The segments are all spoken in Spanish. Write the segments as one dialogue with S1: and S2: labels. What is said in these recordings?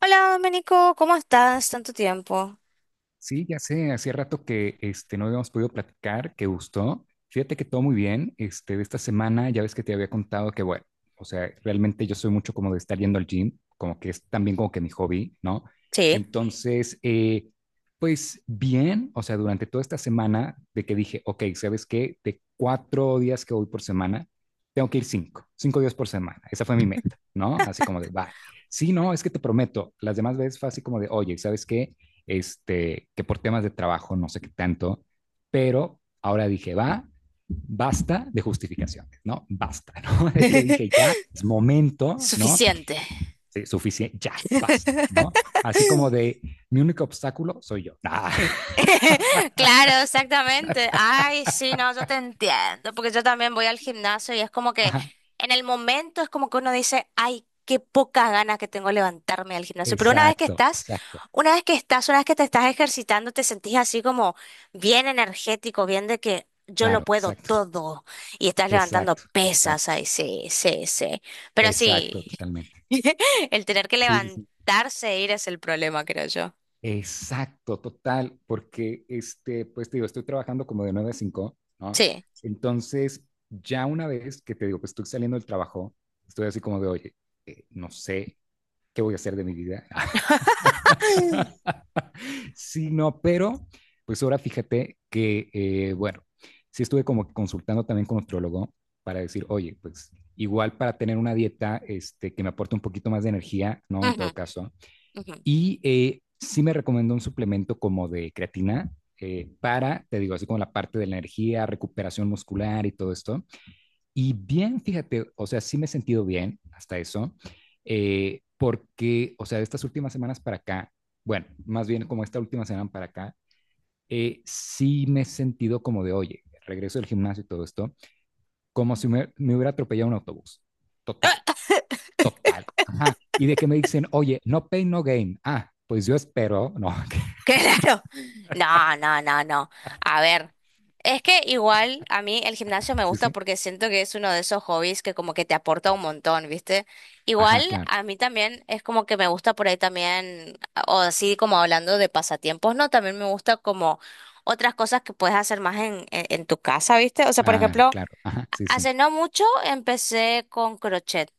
S1: Hola, Domenico, ¿cómo estás? Tanto tiempo.
S2: Sí, ya sé, hacía rato que no habíamos podido platicar, que gustó. Fíjate que todo muy bien. De esta semana ya ves que te había contado que, bueno, o sea, realmente yo soy mucho como de estar yendo al gym, como que es también como que mi hobby, ¿no?
S1: Sí.
S2: Entonces, pues bien, o sea, durante toda esta semana de que dije, ok, ¿sabes qué? De cuatro días que voy por semana, tengo que ir cinco, cinco días por semana. Esa fue mi meta, ¿no? Así como de, va. Sí, no, es que te prometo, las demás veces fue así como de, oye, ¿sabes qué? Que por temas de trabajo, no sé qué tanto, pero ahora dije, va, basta de justificaciones, ¿no? Basta, ¿no? De que dije, ya, es momento, ¿no?
S1: Suficiente.
S2: Sí, suficiente, ya, basta, ¿no? Así como de, mi único obstáculo soy yo. Ah,
S1: Claro, exactamente. Ay, sí, no, yo te entiendo, porque yo también voy al gimnasio y es como que
S2: ajá,
S1: en el momento es como que uno dice, ay, qué pocas ganas que tengo de levantarme al gimnasio. Pero
S2: exacto, exacto,
S1: una vez que te estás ejercitando, te sentís así como bien energético, bien de que yo lo
S2: claro,
S1: puedo
S2: exacto,
S1: todo y estás levantando
S2: exacto, exacto,
S1: pesas, ay, sí, sí, sí. Pero
S2: exacto,
S1: sí.
S2: totalmente.
S1: El tener que
S2: Sí, sí, sí.
S1: levantarse e ir es el problema, creo yo.
S2: Exacto, total, porque pues te digo, estoy trabajando como de 9 a 5, ¿no?
S1: Sí.
S2: Entonces, ya una vez que te digo, pues estoy saliendo del trabajo, estoy así como de, oye, no sé qué voy a hacer de mi vida. Sí, no, pero pues ahora fíjate que, bueno, sí estuve como que consultando también con nutriólogo para decir, oye, pues igual para tener una dieta que me aporte un poquito más de energía, ¿no? En
S1: Ujú,
S2: todo caso,
S1: ujú.
S2: y sí me recomendó un suplemento como de creatina para, te digo, así como la parte de la energía, recuperación muscular y todo esto. Y bien, fíjate, o sea, sí me he sentido bien hasta eso, porque, o sea, de estas últimas semanas para acá, bueno, más bien como esta última semana para acá, sí me he sentido como de, oye, regreso del gimnasio y todo esto, como si me hubiera atropellado un autobús. Total, total. Ajá. Y de que me dicen, oye, no pain, no gain. Ah, pues yo espero, no,
S1: Claro. No, no, no, no. A ver, es que igual a mí el gimnasio me
S2: sí,
S1: gusta
S2: sí.
S1: porque siento que es uno de esos hobbies que como que te aporta un montón, ¿viste? Igual
S2: Ajá, claro,
S1: a mí también es como que me gusta por ahí también, o así como hablando de pasatiempos, ¿no? También me gusta como otras cosas que puedes hacer más en tu casa, ¿viste? O sea, por
S2: claro,
S1: ejemplo,
S2: claro. Ajá, sí, sí.
S1: hace no mucho empecé con crochet.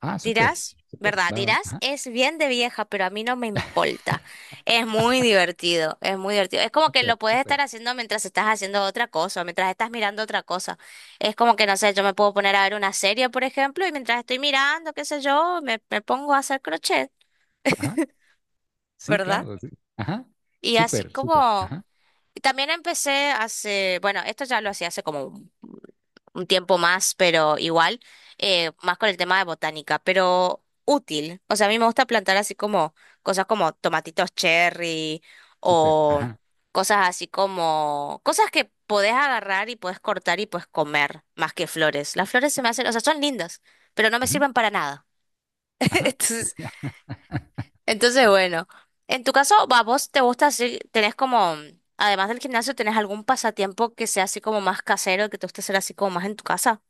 S2: Ah, súper,
S1: Dirás,
S2: súper,
S1: ¿verdad?
S2: va, va.
S1: Dirás,
S2: Ajá,
S1: es bien de vieja, pero a mí no me importa. Es muy divertido, es muy divertido. Es como que lo
S2: súper,
S1: puedes estar
S2: súper.
S1: haciendo mientras estás haciendo otra cosa, mientras estás mirando otra cosa. Es como que, no sé, yo me puedo poner a ver una serie, por ejemplo, y mientras estoy mirando, qué sé yo, me pongo a hacer crochet,
S2: Ajá, sí,
S1: ¿verdad?
S2: claro, sí. Ajá,
S1: Y así
S2: súper, súper.
S1: como,
S2: Ajá,
S1: y también empecé hace, bueno, esto ya lo hacía hace como un tiempo más, pero igual, más con el tema de botánica, pero útil. O sea, a mí me gusta plantar así como cosas como tomatitos cherry
S2: súper.
S1: o
S2: Ajá,
S1: cosas así como cosas que podés agarrar y podés cortar y podés comer, más que flores. Las flores se me hacen, o sea, son lindas, pero no me
S2: ujú,
S1: sirven para nada.
S2: ajá.
S1: Entonces, entonces, bueno, en tu caso, va, vos te gusta así, tenés como. Además del gimnasio, ¿tenés algún pasatiempo que sea así como más casero, que te guste hacer así como más en tu casa?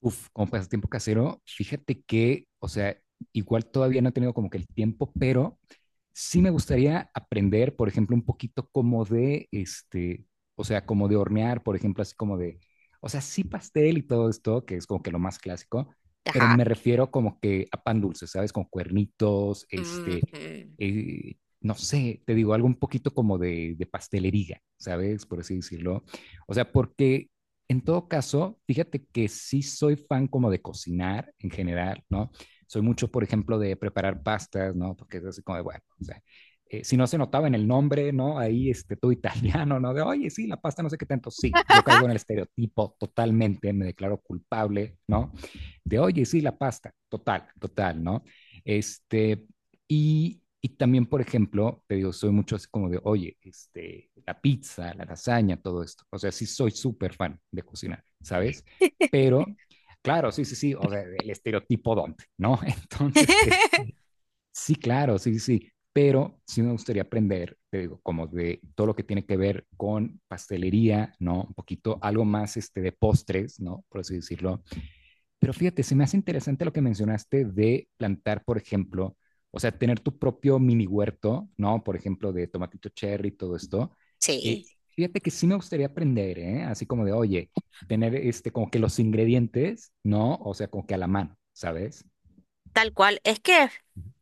S2: Uf, como pasatiempo casero, fíjate que, o sea, igual todavía no he tenido como que el tiempo, pero sí me gustaría aprender, por ejemplo, un poquito como de, o sea, como de hornear, por ejemplo, así como de, o sea, sí pastel y todo esto, que es como que lo más clásico, pero
S1: Ajá.
S2: me refiero como que a pan dulce, ¿sabes? Con cuernitos,
S1: Ujú.
S2: no sé, te digo, algo un poquito como de pastelería, ¿sabes? Por así decirlo. O sea, porque en todo caso, fíjate que sí soy fan como de cocinar en general, ¿no? Soy mucho, por ejemplo, de preparar pastas, ¿no? Porque es así como de, bueno, o sea, si no se notaba en el nombre, ¿no? Ahí, todo italiano, ¿no? De, oye, sí, la pasta no sé qué tanto. Sí, yo caigo en el estereotipo totalmente, me declaro culpable, ¿no? De, oye, sí, la pasta, total, total, ¿no? Este, y también, por ejemplo, te digo, soy mucho así como de, oye, la pizza, la lasaña, todo esto. O sea, sí soy súper fan de cocinar, ¿sabes? Pero, claro, sí, sí, sí, o sea, el estereotipo donde, ¿no? Entonces, es, sí, claro, sí, sí, sí, pero sí me gustaría aprender, te digo, como de todo lo que tiene que ver con pastelería, ¿no? Un poquito, algo más de postres, ¿no? Por así decirlo, pero fíjate, se me hace interesante lo que mencionaste de plantar, por ejemplo, o sea, tener tu propio mini huerto, ¿no? Por ejemplo, de tomatito cherry, y todo esto. Eh,
S1: Sí,
S2: Fíjate que sí me gustaría aprender, ¿eh? Así como de, oye, tener como que los ingredientes, ¿no? O sea, como que a la mano, ¿sabes?
S1: tal cual. Es que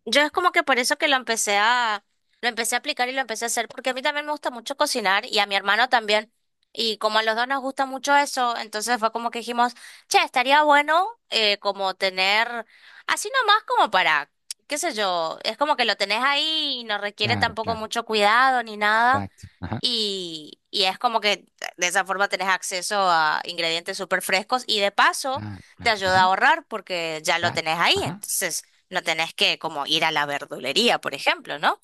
S1: yo es como que por eso que lo empecé a aplicar y lo empecé a hacer, porque a mí también me gusta mucho cocinar y a mi hermano también. Y como a los dos nos gusta mucho eso, entonces fue como que dijimos, che, estaría bueno como tener, así nomás como para, qué sé yo, es como que lo tenés ahí y no requiere
S2: Claro,
S1: tampoco
S2: claro,
S1: mucho cuidado ni nada.
S2: exacto, ajá,
S1: Y es como que de esa forma tenés acceso a ingredientes súper frescos y de paso
S2: claro,
S1: te
S2: claro,
S1: ayuda a
S2: ajá,
S1: ahorrar porque ya lo
S2: exacto,
S1: tenés ahí,
S2: ajá,
S1: entonces no tenés que como ir a la verdulería, por ejemplo, ¿no?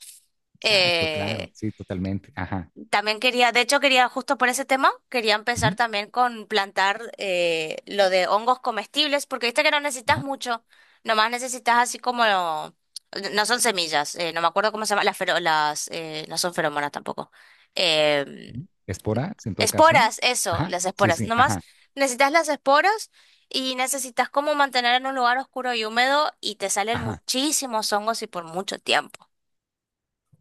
S2: exacto, claro,
S1: Eh,
S2: sí, totalmente, ajá,
S1: también quería, de hecho quería justo por ese tema, quería empezar
S2: ujú,
S1: también con plantar lo de hongos comestibles porque viste que no necesitas
S2: ajá,
S1: mucho, nomás necesitas así como, no son semillas, no me acuerdo cómo se llama, las, no son feromonas tampoco. em,
S2: ujú. Esporas en todo caso,
S1: Esporas, eso,
S2: ajá,
S1: las
S2: sí,
S1: esporas.
S2: sí,
S1: Nomás
S2: ajá,
S1: necesitas las esporas y necesitas como mantener en un lugar oscuro y húmedo y te salen
S2: ajá,
S1: muchísimos hongos y por mucho tiempo.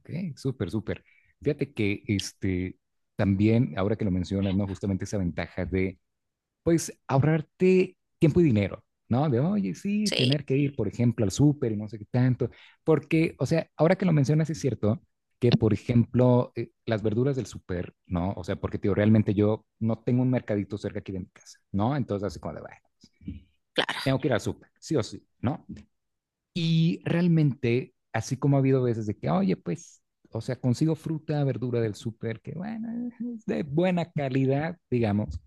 S2: ok, súper, súper. Fíjate que también, ahora que lo mencionas, ¿no? Justamente esa ventaja de, pues, ahorrarte tiempo y dinero, ¿no? De, oye, sí,
S1: Sí,
S2: tener que ir, por ejemplo, al súper y no sé qué tanto. Porque, o sea, ahora que lo mencionas, es cierto que, por ejemplo, las verduras del súper, ¿no? O sea, porque, tío, realmente yo no tengo un mercadito cerca aquí de mi casa, ¿no? Entonces, así como de, bueno,
S1: claro.
S2: tengo que ir al súper, sí o sí, ¿no? Y realmente, así como ha habido veces de que, oye, pues, o sea, consigo fruta, verdura del súper, que bueno, es de buena calidad, digamos.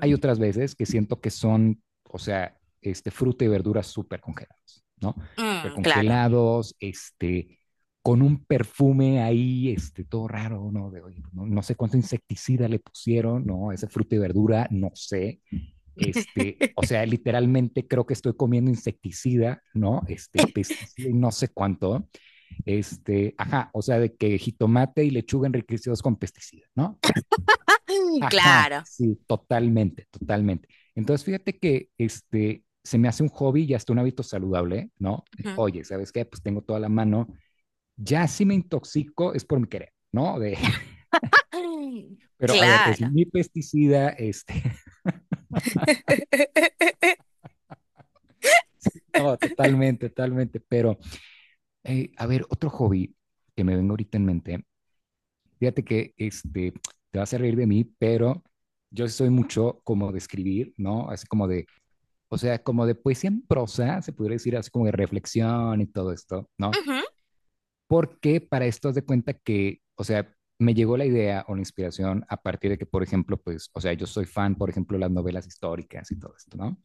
S2: Hay otras veces que siento que son, o sea, fruta y verduras súper congelados, ¿no?
S1: Ujú.
S2: Súper
S1: Mm, claro.
S2: congelados, con un perfume ahí, todo raro, ¿no? De, oye, pues, no, no sé cuánto insecticida le pusieron, ¿no? Ese fruta y verdura, no sé, o sea, literalmente creo que estoy comiendo insecticida, ¿no? Este, pesticida y no sé cuánto. Ajá, o sea, de que jitomate y lechuga enriquecidos con pesticida, ¿no? Bueno, ajá, sí, totalmente, totalmente. Entonces, fíjate que se me hace un hobby y hasta un hábito saludable, ¿no?
S1: Mm, claro. Ujú.
S2: Oye, ¿sabes qué? Pues tengo toda la mano. Ya si me intoxico es por mi querer, ¿no? De, pero a ver, es
S1: Claro.
S2: mi pesticida, no, totalmente, totalmente, pero a ver, otro hobby que me vengo ahorita en mente. Fíjate que te vas a reír de mí, pero yo sí soy mucho como de escribir, ¿no? Así como de, o sea, como de poesía en prosa, se podría decir así como de reflexión y todo esto, ¿no?
S1: Ujú,
S2: Porque para esto haz de cuenta que, o sea, me llegó la idea o la inspiración a partir de que, por ejemplo, pues, o sea, yo soy fan, por ejemplo, de las novelas históricas y todo esto, ¿no?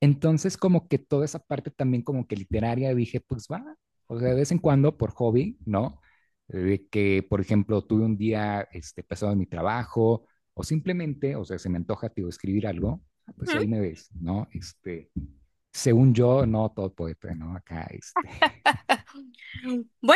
S2: Entonces, como que toda esa parte también como que literaria, dije, pues va, o sea, de vez en cuando por hobby, ¿no? De que, por ejemplo, tuve un día pesado en mi trabajo o simplemente, o sea, se me antoja, tío, escribir algo, ah, pues
S1: ujú.
S2: ahí me ves, ¿no? Este, según yo, no todo poeta, ¿no? Acá,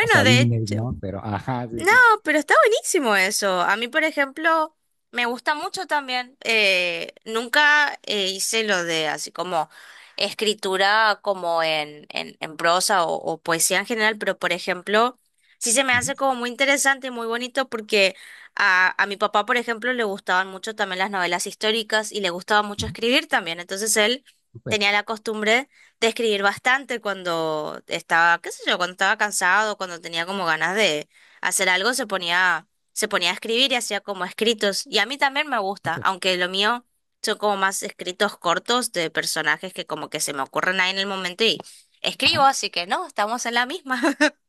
S2: no
S1: de
S2: Sabines,
S1: hecho.
S2: ¿no? Pero, ajá, sí,
S1: No,
S2: sí.
S1: pero está buenísimo eso. A mí, por ejemplo, me gusta mucho también. Nunca hice lo de así como escritura como en prosa o poesía en general, pero por ejemplo, sí se me hace
S2: Ujú,
S1: como muy interesante y muy bonito porque a mi papá, por ejemplo, le gustaban mucho también las novelas históricas y le gustaba mucho
S2: ujú,
S1: escribir también. Entonces él
S2: súper,
S1: tenía la costumbre de escribir bastante cuando estaba, qué sé yo, cuando estaba cansado, cuando tenía como ganas de hacer algo, se ponía a escribir y hacía como escritos. Y a mí también me gusta,
S2: súper,
S1: aunque lo mío son como más escritos cortos de personajes que como que se me ocurren ahí en el momento y escribo,
S2: ajá.
S1: así que no, estamos en la misma.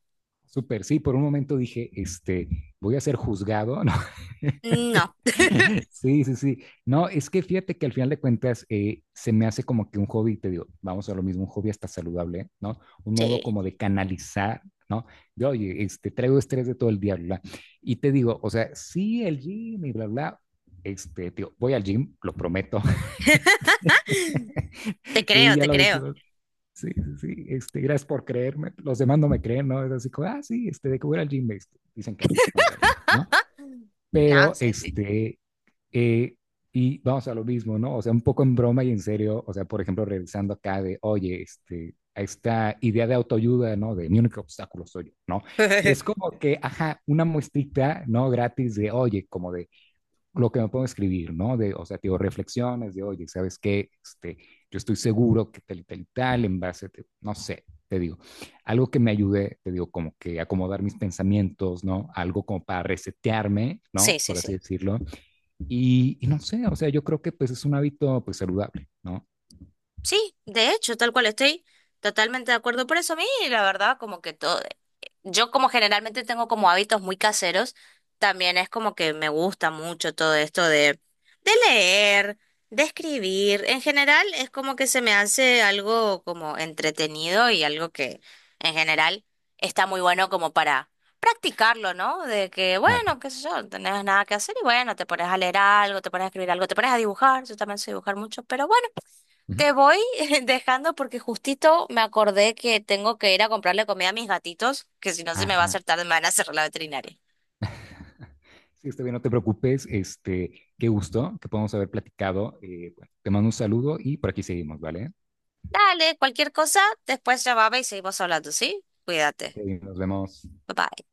S2: Súper, sí, por un momento dije, voy a ser juzgado, ¿no?
S1: No,
S2: Sí, sí, sí. No, es que fíjate que al final de cuentas se me hace como que un hobby, te digo, vamos a lo mismo, un hobby hasta saludable, ¿no? Un modo
S1: sí.
S2: como de canalizar, ¿no? De, oye, traigo estrés de todo el día, bla, bla. Y te digo, o sea, sí, el gym y bla, bla, te digo, voy al gym, lo prometo. Este,
S1: Te
S2: sí,
S1: creo,
S2: ya
S1: te
S2: lo
S1: creo.
S2: dijimos, sí, sí, sí. Este, gracias por creerme. Los demás no me creen, ¿no? Es así como, ah, sí, de que voy al gym, dicen que no, no voy al gym, ¿no?
S1: No,
S2: Pero,
S1: sí, sí.
S2: eh, y vamos a lo mismo, ¿no? O sea, un poco en broma y en serio, o sea, por ejemplo, revisando acá de, oye, a esta idea de autoayuda, ¿no? De mi único obstáculo soy yo, ¿no? Es como que, ajá, una muestrita, ¿no? Gratis de, oye, como de, lo que me puedo escribir, ¿no? De, o sea, digo, reflexiones de, oye, ¿sabes qué? Yo estoy seguro que tal y tal y tal, en base, no sé, te digo, algo que me ayude, te digo, como que acomodar mis pensamientos, ¿no? Algo como para resetearme,
S1: Sí,
S2: ¿no?
S1: sí,
S2: Por así
S1: sí.
S2: decirlo. Y no sé, o sea, yo creo que pues es un hábito pues saludable, ¿no?
S1: Sí, de hecho, tal cual estoy totalmente de acuerdo por eso. A mí, la verdad, como que todo. Yo como generalmente tengo como hábitos muy caseros, también es como que me gusta mucho todo esto de, leer, de escribir. En general es como que se me hace algo como entretenido y algo que en general está muy bueno como para practicarlo, ¿no? De que,
S2: Claro.
S1: bueno, qué sé yo, no tenés nada que hacer y bueno, te pones a leer algo, te pones a escribir algo, te pones a dibujar, yo también sé dibujar mucho, pero bueno.
S2: Ujú.
S1: Te voy dejando porque justito me acordé que tengo que ir a comprarle comida a mis gatitos, que si no se me va a
S2: Ajá.
S1: hacer tarde, me van a cerrar la veterinaria.
S2: Sí, está bien, no te preocupes, qué gusto que podamos haber platicado. Bueno, te mando un saludo y por aquí seguimos, ¿vale?
S1: Dale, cualquier cosa, después llamame y seguimos hablando, ¿sí?
S2: Ok,
S1: Cuídate.
S2: nos vemos.
S1: Bye bye.